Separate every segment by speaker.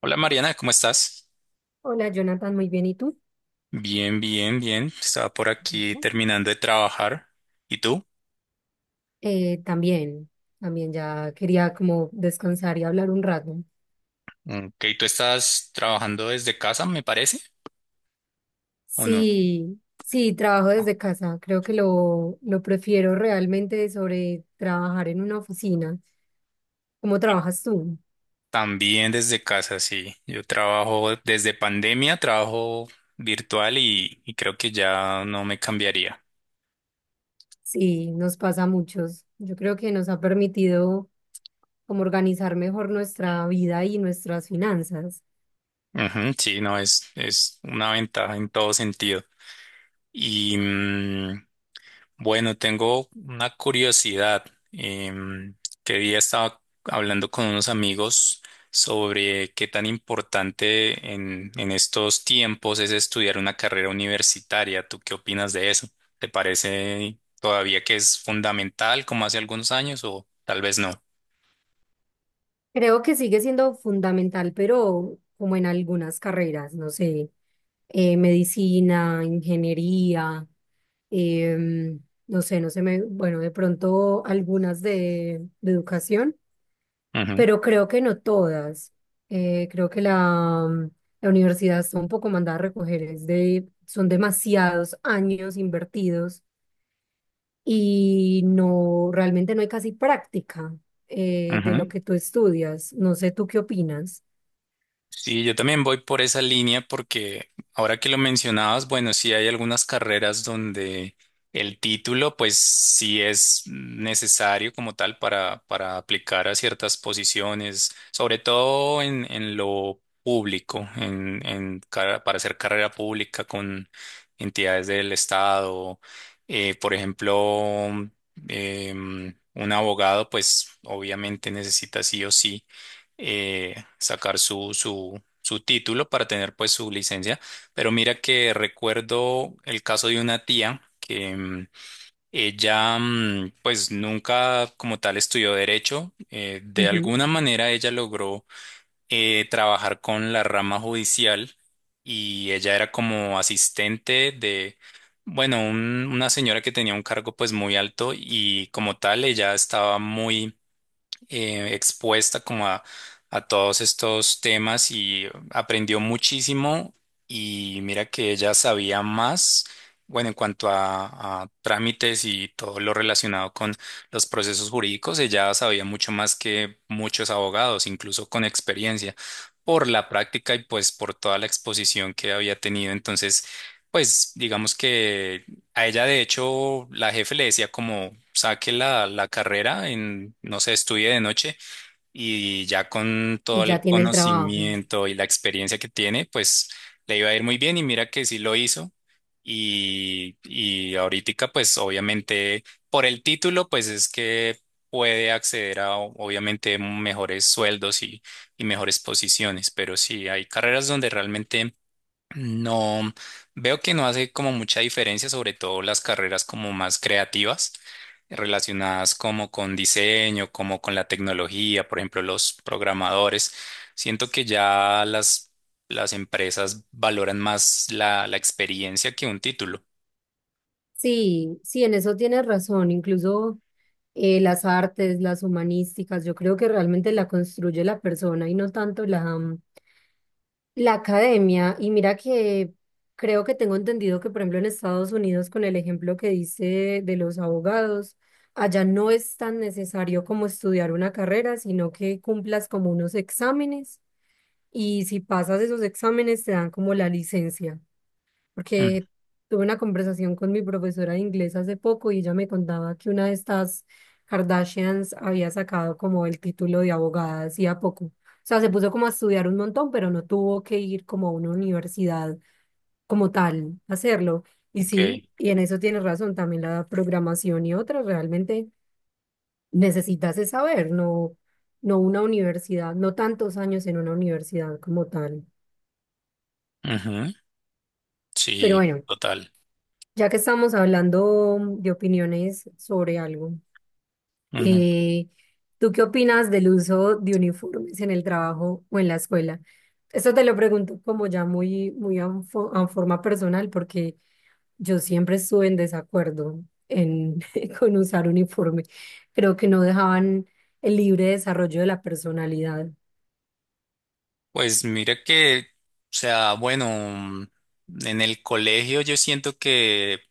Speaker 1: Hola Mariana, ¿cómo estás?
Speaker 2: Hola Jonathan, muy bien. ¿Y tú?
Speaker 1: Bien, bien, bien. Estaba por aquí
Speaker 2: Ujú.
Speaker 1: terminando de trabajar. ¿Y tú?
Speaker 2: También, también ya quería como descansar y hablar un rato.
Speaker 1: Ok, ¿tú estás trabajando desde casa, me parece? ¿O no?
Speaker 2: Sí, sí, trabajo
Speaker 1: Ah.
Speaker 2: desde casa. Creo que lo prefiero realmente sobre trabajar en una oficina. ¿Cómo trabajas tú?
Speaker 1: También desde casa, sí. Yo trabajo desde pandemia, trabajo virtual y creo que ya no me cambiaría.
Speaker 2: Sí, nos pasa a muchos. Yo creo que nos ha permitido como organizar mejor nuestra vida y nuestras finanzas.
Speaker 1: Ujú, sí, no, es una ventaja en todo sentido. Y, mm, Bueno, tengo una curiosidad. Em, que día estaba hablando con unos amigos sobre qué tan importante en estos tiempos es estudiar una carrera universitaria. ¿Tú qué opinas de eso? ¿Te parece todavía que es fundamental como hace algunos años o tal vez no?
Speaker 2: Creo que sigue siendo fundamental, pero como en algunas carreras, no sé. Medicina, ingeniería, em, no sé, me, bueno, de pronto algunas de educación,
Speaker 1: Ujú,
Speaker 2: pero creo que no todas. Creo que la, la universidad está un poco mandada a recoger, es de, son demasiados años invertidos y no, realmente no hay casi práctica de lo
Speaker 1: ujú.
Speaker 2: que tú estudias. No sé, ¿tú qué opinas?
Speaker 1: Sí, yo también voy por esa línea porque ahora que lo mencionabas, bueno, sí hay algunas carreras donde el título pues sí es necesario como tal para aplicar a ciertas posiciones, sobre todo en lo público, en para hacer carrera pública con entidades del Estado, por ejemplo, un abogado pues obviamente necesita sí o sí, sacar su título para tener pues su licencia. Pero mira que recuerdo el caso de una tía que, ella, pues nunca como tal estudió derecho. De
Speaker 2: Ujú.
Speaker 1: alguna manera ella logró, trabajar con la rama judicial, y ella era como asistente de. Bueno, una señora que tenía un cargo pues muy alto y como tal ella estaba muy, expuesta como a todos estos temas y aprendió muchísimo, y mira que ella sabía más, bueno, en cuanto a trámites y todo lo relacionado con los procesos jurídicos, ella sabía mucho más que muchos abogados, incluso con experiencia, por la práctica y pues por toda la exposición que había tenido. Entonces, pues digamos que. A ella, de hecho, la jefe le decía como saque la carrera en, no sé, estudie de noche, y ya con
Speaker 2: Y
Speaker 1: todo
Speaker 2: ya
Speaker 1: el
Speaker 2: tiene el trabajo.
Speaker 1: conocimiento y la experiencia que tiene, pues le iba a ir muy bien, y mira que sí lo hizo. Y ahorita, pues obviamente, por el título, pues es que puede acceder a obviamente mejores sueldos, y mejores posiciones, pero sí, hay carreras donde realmente no, veo que no hace como mucha diferencia, sobre todo las carreras como más creativas, relacionadas como con diseño, como con la tecnología, por ejemplo, los programadores. Siento que ya las empresas valoran más la experiencia que un título.
Speaker 2: Sí, sí, en eso tienes razón. Incluso las artes, las humanísticas, yo creo que realmente la construye la persona y no tanto la, la academia. Y mira que creo que tengo entendido que, por ejemplo, en Estados Unidos, con el ejemplo que dice de los abogados, allá no es tan necesario como estudiar una carrera, sino que cumplas como unos exámenes y si pasas esos exámenes te dan como la licencia
Speaker 1: Mm,
Speaker 2: porque tuve una conversación con mi profesora de inglés hace poco y ella me contaba que una de estas Kardashians había sacado como el título de abogada hacía poco. O sea, se puso como a estudiar un montón, pero no tuvo que ir como a una universidad como tal a hacerlo. Y sí,
Speaker 1: ok.
Speaker 2: y en eso tienes razón, también la programación y otras realmente necesitas es saber, no, no una universidad, no tantos años en una universidad como tal.
Speaker 1: Ujú,
Speaker 2: Pero
Speaker 1: sí,
Speaker 2: bueno,
Speaker 1: total.
Speaker 2: ya que estamos hablando de opiniones sobre algo,
Speaker 1: Ujú.
Speaker 2: eh, ¿tú qué opinas del uso de uniformes en el trabajo o en la escuela? Esto te lo pregunto como ya muy, muy a, a forma personal, porque yo siempre estuve en desacuerdo en, con usar uniforme. Creo que no dejaban el libre desarrollo de la personalidad,
Speaker 1: Pues mira que, o sea, bueno, en el colegio yo siento que,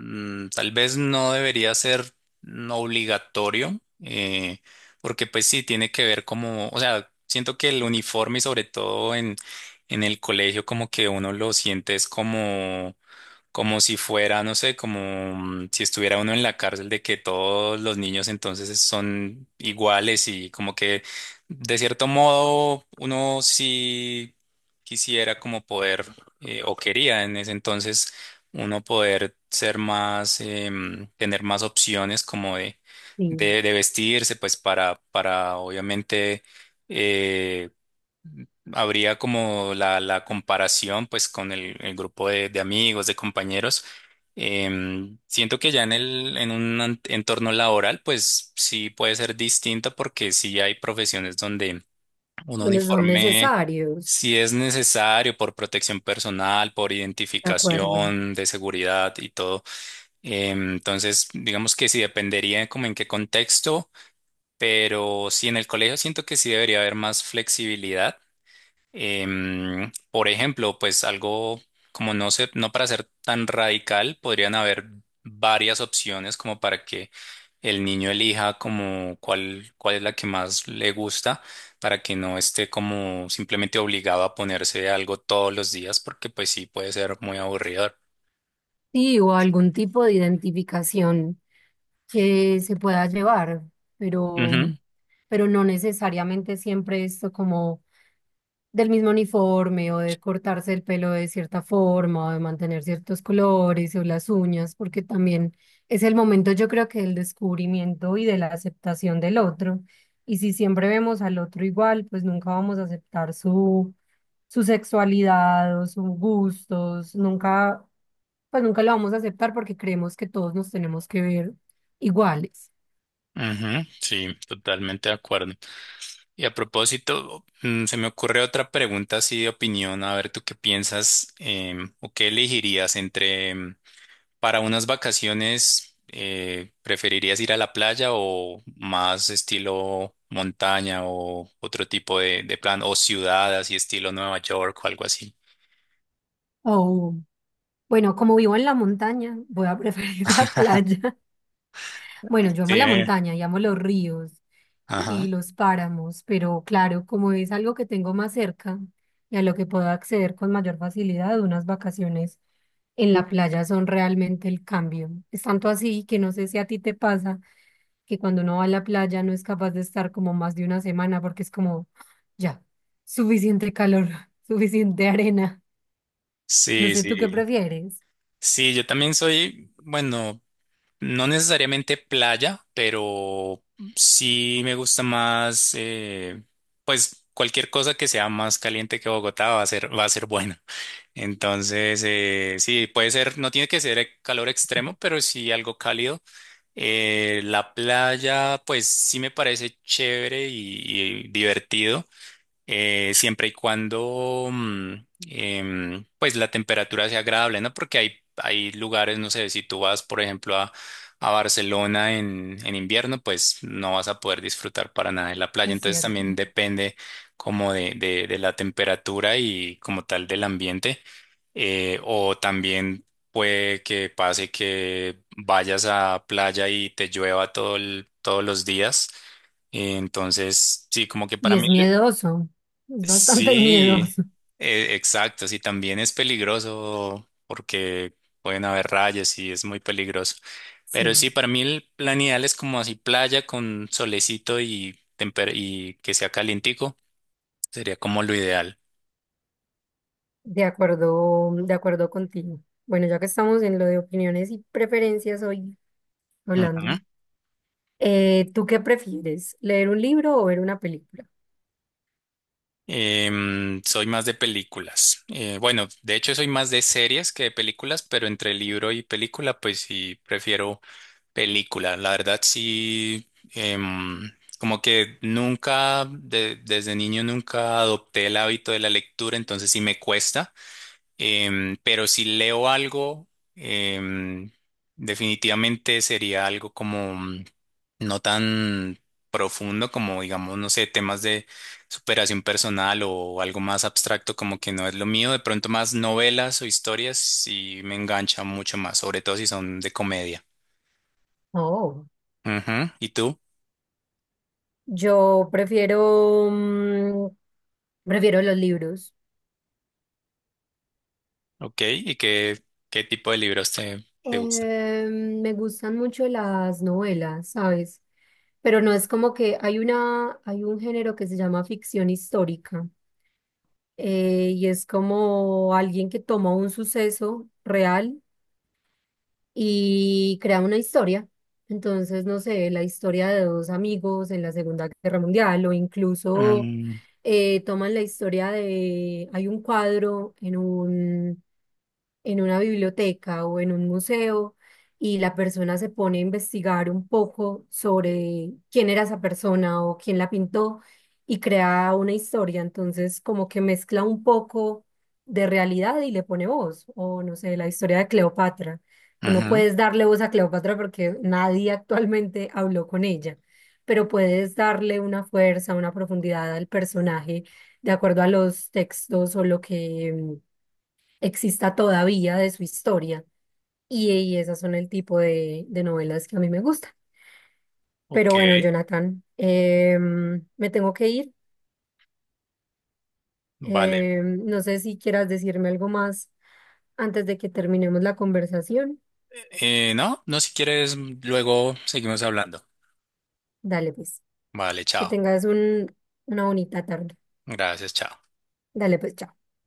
Speaker 1: Tal vez no debería ser, obligatorio, porque pues sí, tiene que ver como, o sea, siento que el uniforme y sobre todo en el colegio como que uno lo siente es como si fuera, no sé, como, si estuviera uno en la cárcel de que todos los niños entonces son iguales y como que de cierto modo uno sí quisiera como poder, o quería en ese entonces uno poder ser más, tener más opciones como de,
Speaker 2: sí,
Speaker 1: de, de vestirse pues para obviamente. eh, Habría como la comparación pues con el grupo de amigos, de compañeros. Siento que ya en un entorno laboral pues sí puede ser distinto porque sí hay profesiones donde un
Speaker 2: donde son
Speaker 1: uniforme
Speaker 2: necesarios,
Speaker 1: sí es necesario por protección personal, por
Speaker 2: ¿de acuerdo?
Speaker 1: identificación de seguridad y todo. Entonces digamos que sí dependería como en qué contexto, pero sí en el colegio siento que sí debería haber más flexibilidad. Por ejemplo, pues algo como no sé, no para ser tan radical, podrían haber varias opciones como para que el niño elija como cuál es la que más le gusta, para que no esté como simplemente obligado a ponerse algo todos los días, porque pues sí puede ser muy aburridor.
Speaker 2: Sí, o algún tipo de identificación que se pueda llevar,
Speaker 1: Ujú,
Speaker 2: pero, pero no necesariamente siempre esto como del mismo uniforme o de cortarse el pelo de cierta forma o de mantener ciertos colores o las uñas, porque también es el momento yo creo que del descubrimiento y de la aceptación del otro. Y si siempre vemos al otro igual, pues nunca vamos a aceptar su, su sexualidad o sus gustos, nunca, pues nunca lo vamos a aceptar porque creemos que todos nos tenemos que ver iguales.
Speaker 1: ujú, sí, totalmente de acuerdo. Y a propósito, se me ocurre otra pregunta así de opinión, a ver tú qué piensas, o qué elegirías entre. Para unas vacaciones, ¿preferirías ir a la playa o más estilo montaña o otro tipo de plan o ciudad así estilo Nueva York o algo así?
Speaker 2: O, bueno, como vivo en la montaña, voy a preferir la playa. Bueno, yo
Speaker 1: Sí,
Speaker 2: amo la
Speaker 1: eh.
Speaker 2: montaña y amo los ríos y
Speaker 1: Ajá.
Speaker 2: los páramos, pero claro, como es algo que tengo más cerca y a lo que puedo acceder con mayor facilidad, unas vacaciones en la playa son realmente el cambio. Es tanto así que no sé si a ti te pasa que cuando uno va a la playa no es capaz de estar como más de una semana porque es como, "Ah, ya, suficiente calor, suficiente arena." No
Speaker 1: Sí,
Speaker 2: sé tú qué
Speaker 1: sí.
Speaker 2: prefieres,
Speaker 1: Sí, yo también soy, bueno, no necesariamente playa, pero sí me gusta más, pues cualquier cosa que sea más caliente que Bogotá va a ser buena. Entonces, sí, puede ser, no tiene que ser, calor extremo, pero sí algo cálido. La playa, pues sí me parece chévere y divertido, siempre y cuando, pues la temperatura sea agradable, ¿no? Porque hay lugares, no sé, si tú vas, por ejemplo, a Barcelona en invierno, pues no vas a poder disfrutar para nada de la playa.
Speaker 2: es
Speaker 1: Entonces
Speaker 2: cierto.
Speaker 1: también depende como de la temperatura y como tal del ambiente. O también puede que pase que vayas a playa y te llueva todos los días. Entonces, sí, como que
Speaker 2: Y
Speaker 1: para mí.
Speaker 2: es miedoso, es bastante
Speaker 1: Sí,
Speaker 2: miedoso.
Speaker 1: exacto, sí, también es peligroso porque pueden haber rayas y es muy peligroso.
Speaker 2: Sí,
Speaker 1: Pero sí, para mí el plan ideal es como así playa con solecito y que sea calientico, sería como lo ideal.
Speaker 2: de acuerdo contigo. Bueno, ya que estamos en lo de opiniones y preferencias hoy hablando,
Speaker 1: Ujú.
Speaker 2: ¿tú qué prefieres? ¿Leer un libro o ver una película?
Speaker 1: Soy más de películas. Bueno, de hecho soy más de series que de películas, pero entre libro y película, pues sí, prefiero película, la verdad sí, em, como que nunca, desde niño nunca adopté el hábito de la lectura, entonces sí me cuesta. Pero si leo algo, em, definitivamente sería algo como, no tan profundo como, digamos, no sé, temas de superación personal o algo más abstracto como que no es lo mío, de pronto más novelas o historias sí me engancha mucho más, sobre todo si son de comedia.
Speaker 2: Oh,
Speaker 1: Ujú, ¿y tú?
Speaker 2: yo prefiero, prefiero los libros.
Speaker 1: Ok, ¿y qué tipo de libros te gustan?
Speaker 2: Me gustan mucho las novelas, ¿sabes? Pero no es como que hay una, hay un género que se llama ficción histórica y es como alguien que toma un suceso real y crea una historia. Entonces, no sé, la historia de dos amigos en la Segunda Guerra Mundial o incluso
Speaker 1: Mm,
Speaker 2: toman la historia de, hay un cuadro en un en una biblioteca o en un museo y la persona se pone a investigar un poco sobre quién era esa persona o quién la pintó y crea una historia. Entonces, como que mezcla un poco de realidad y le pone voz, o no sé, la historia de Cleopatra. Tú no
Speaker 1: ujú,
Speaker 2: puedes darle voz a Cleopatra porque nadie actualmente habló con ella, pero puedes darle una fuerza, una profundidad al personaje de acuerdo a los textos o lo que exista todavía de su historia. Y esas son el tipo de novelas que a mí me gustan. Pero
Speaker 1: ok,
Speaker 2: bueno, Jonathan, me tengo que ir.
Speaker 1: vale.
Speaker 2: No sé si quieras decirme algo más antes de que terminemos la conversación.
Speaker 1: No, no, si quieres, luego seguimos hablando.
Speaker 2: Dale pues,
Speaker 1: Vale,
Speaker 2: que
Speaker 1: chao.
Speaker 2: tengas un, una bonita tarde.
Speaker 1: Gracias, chao.
Speaker 2: Dale pues, chao.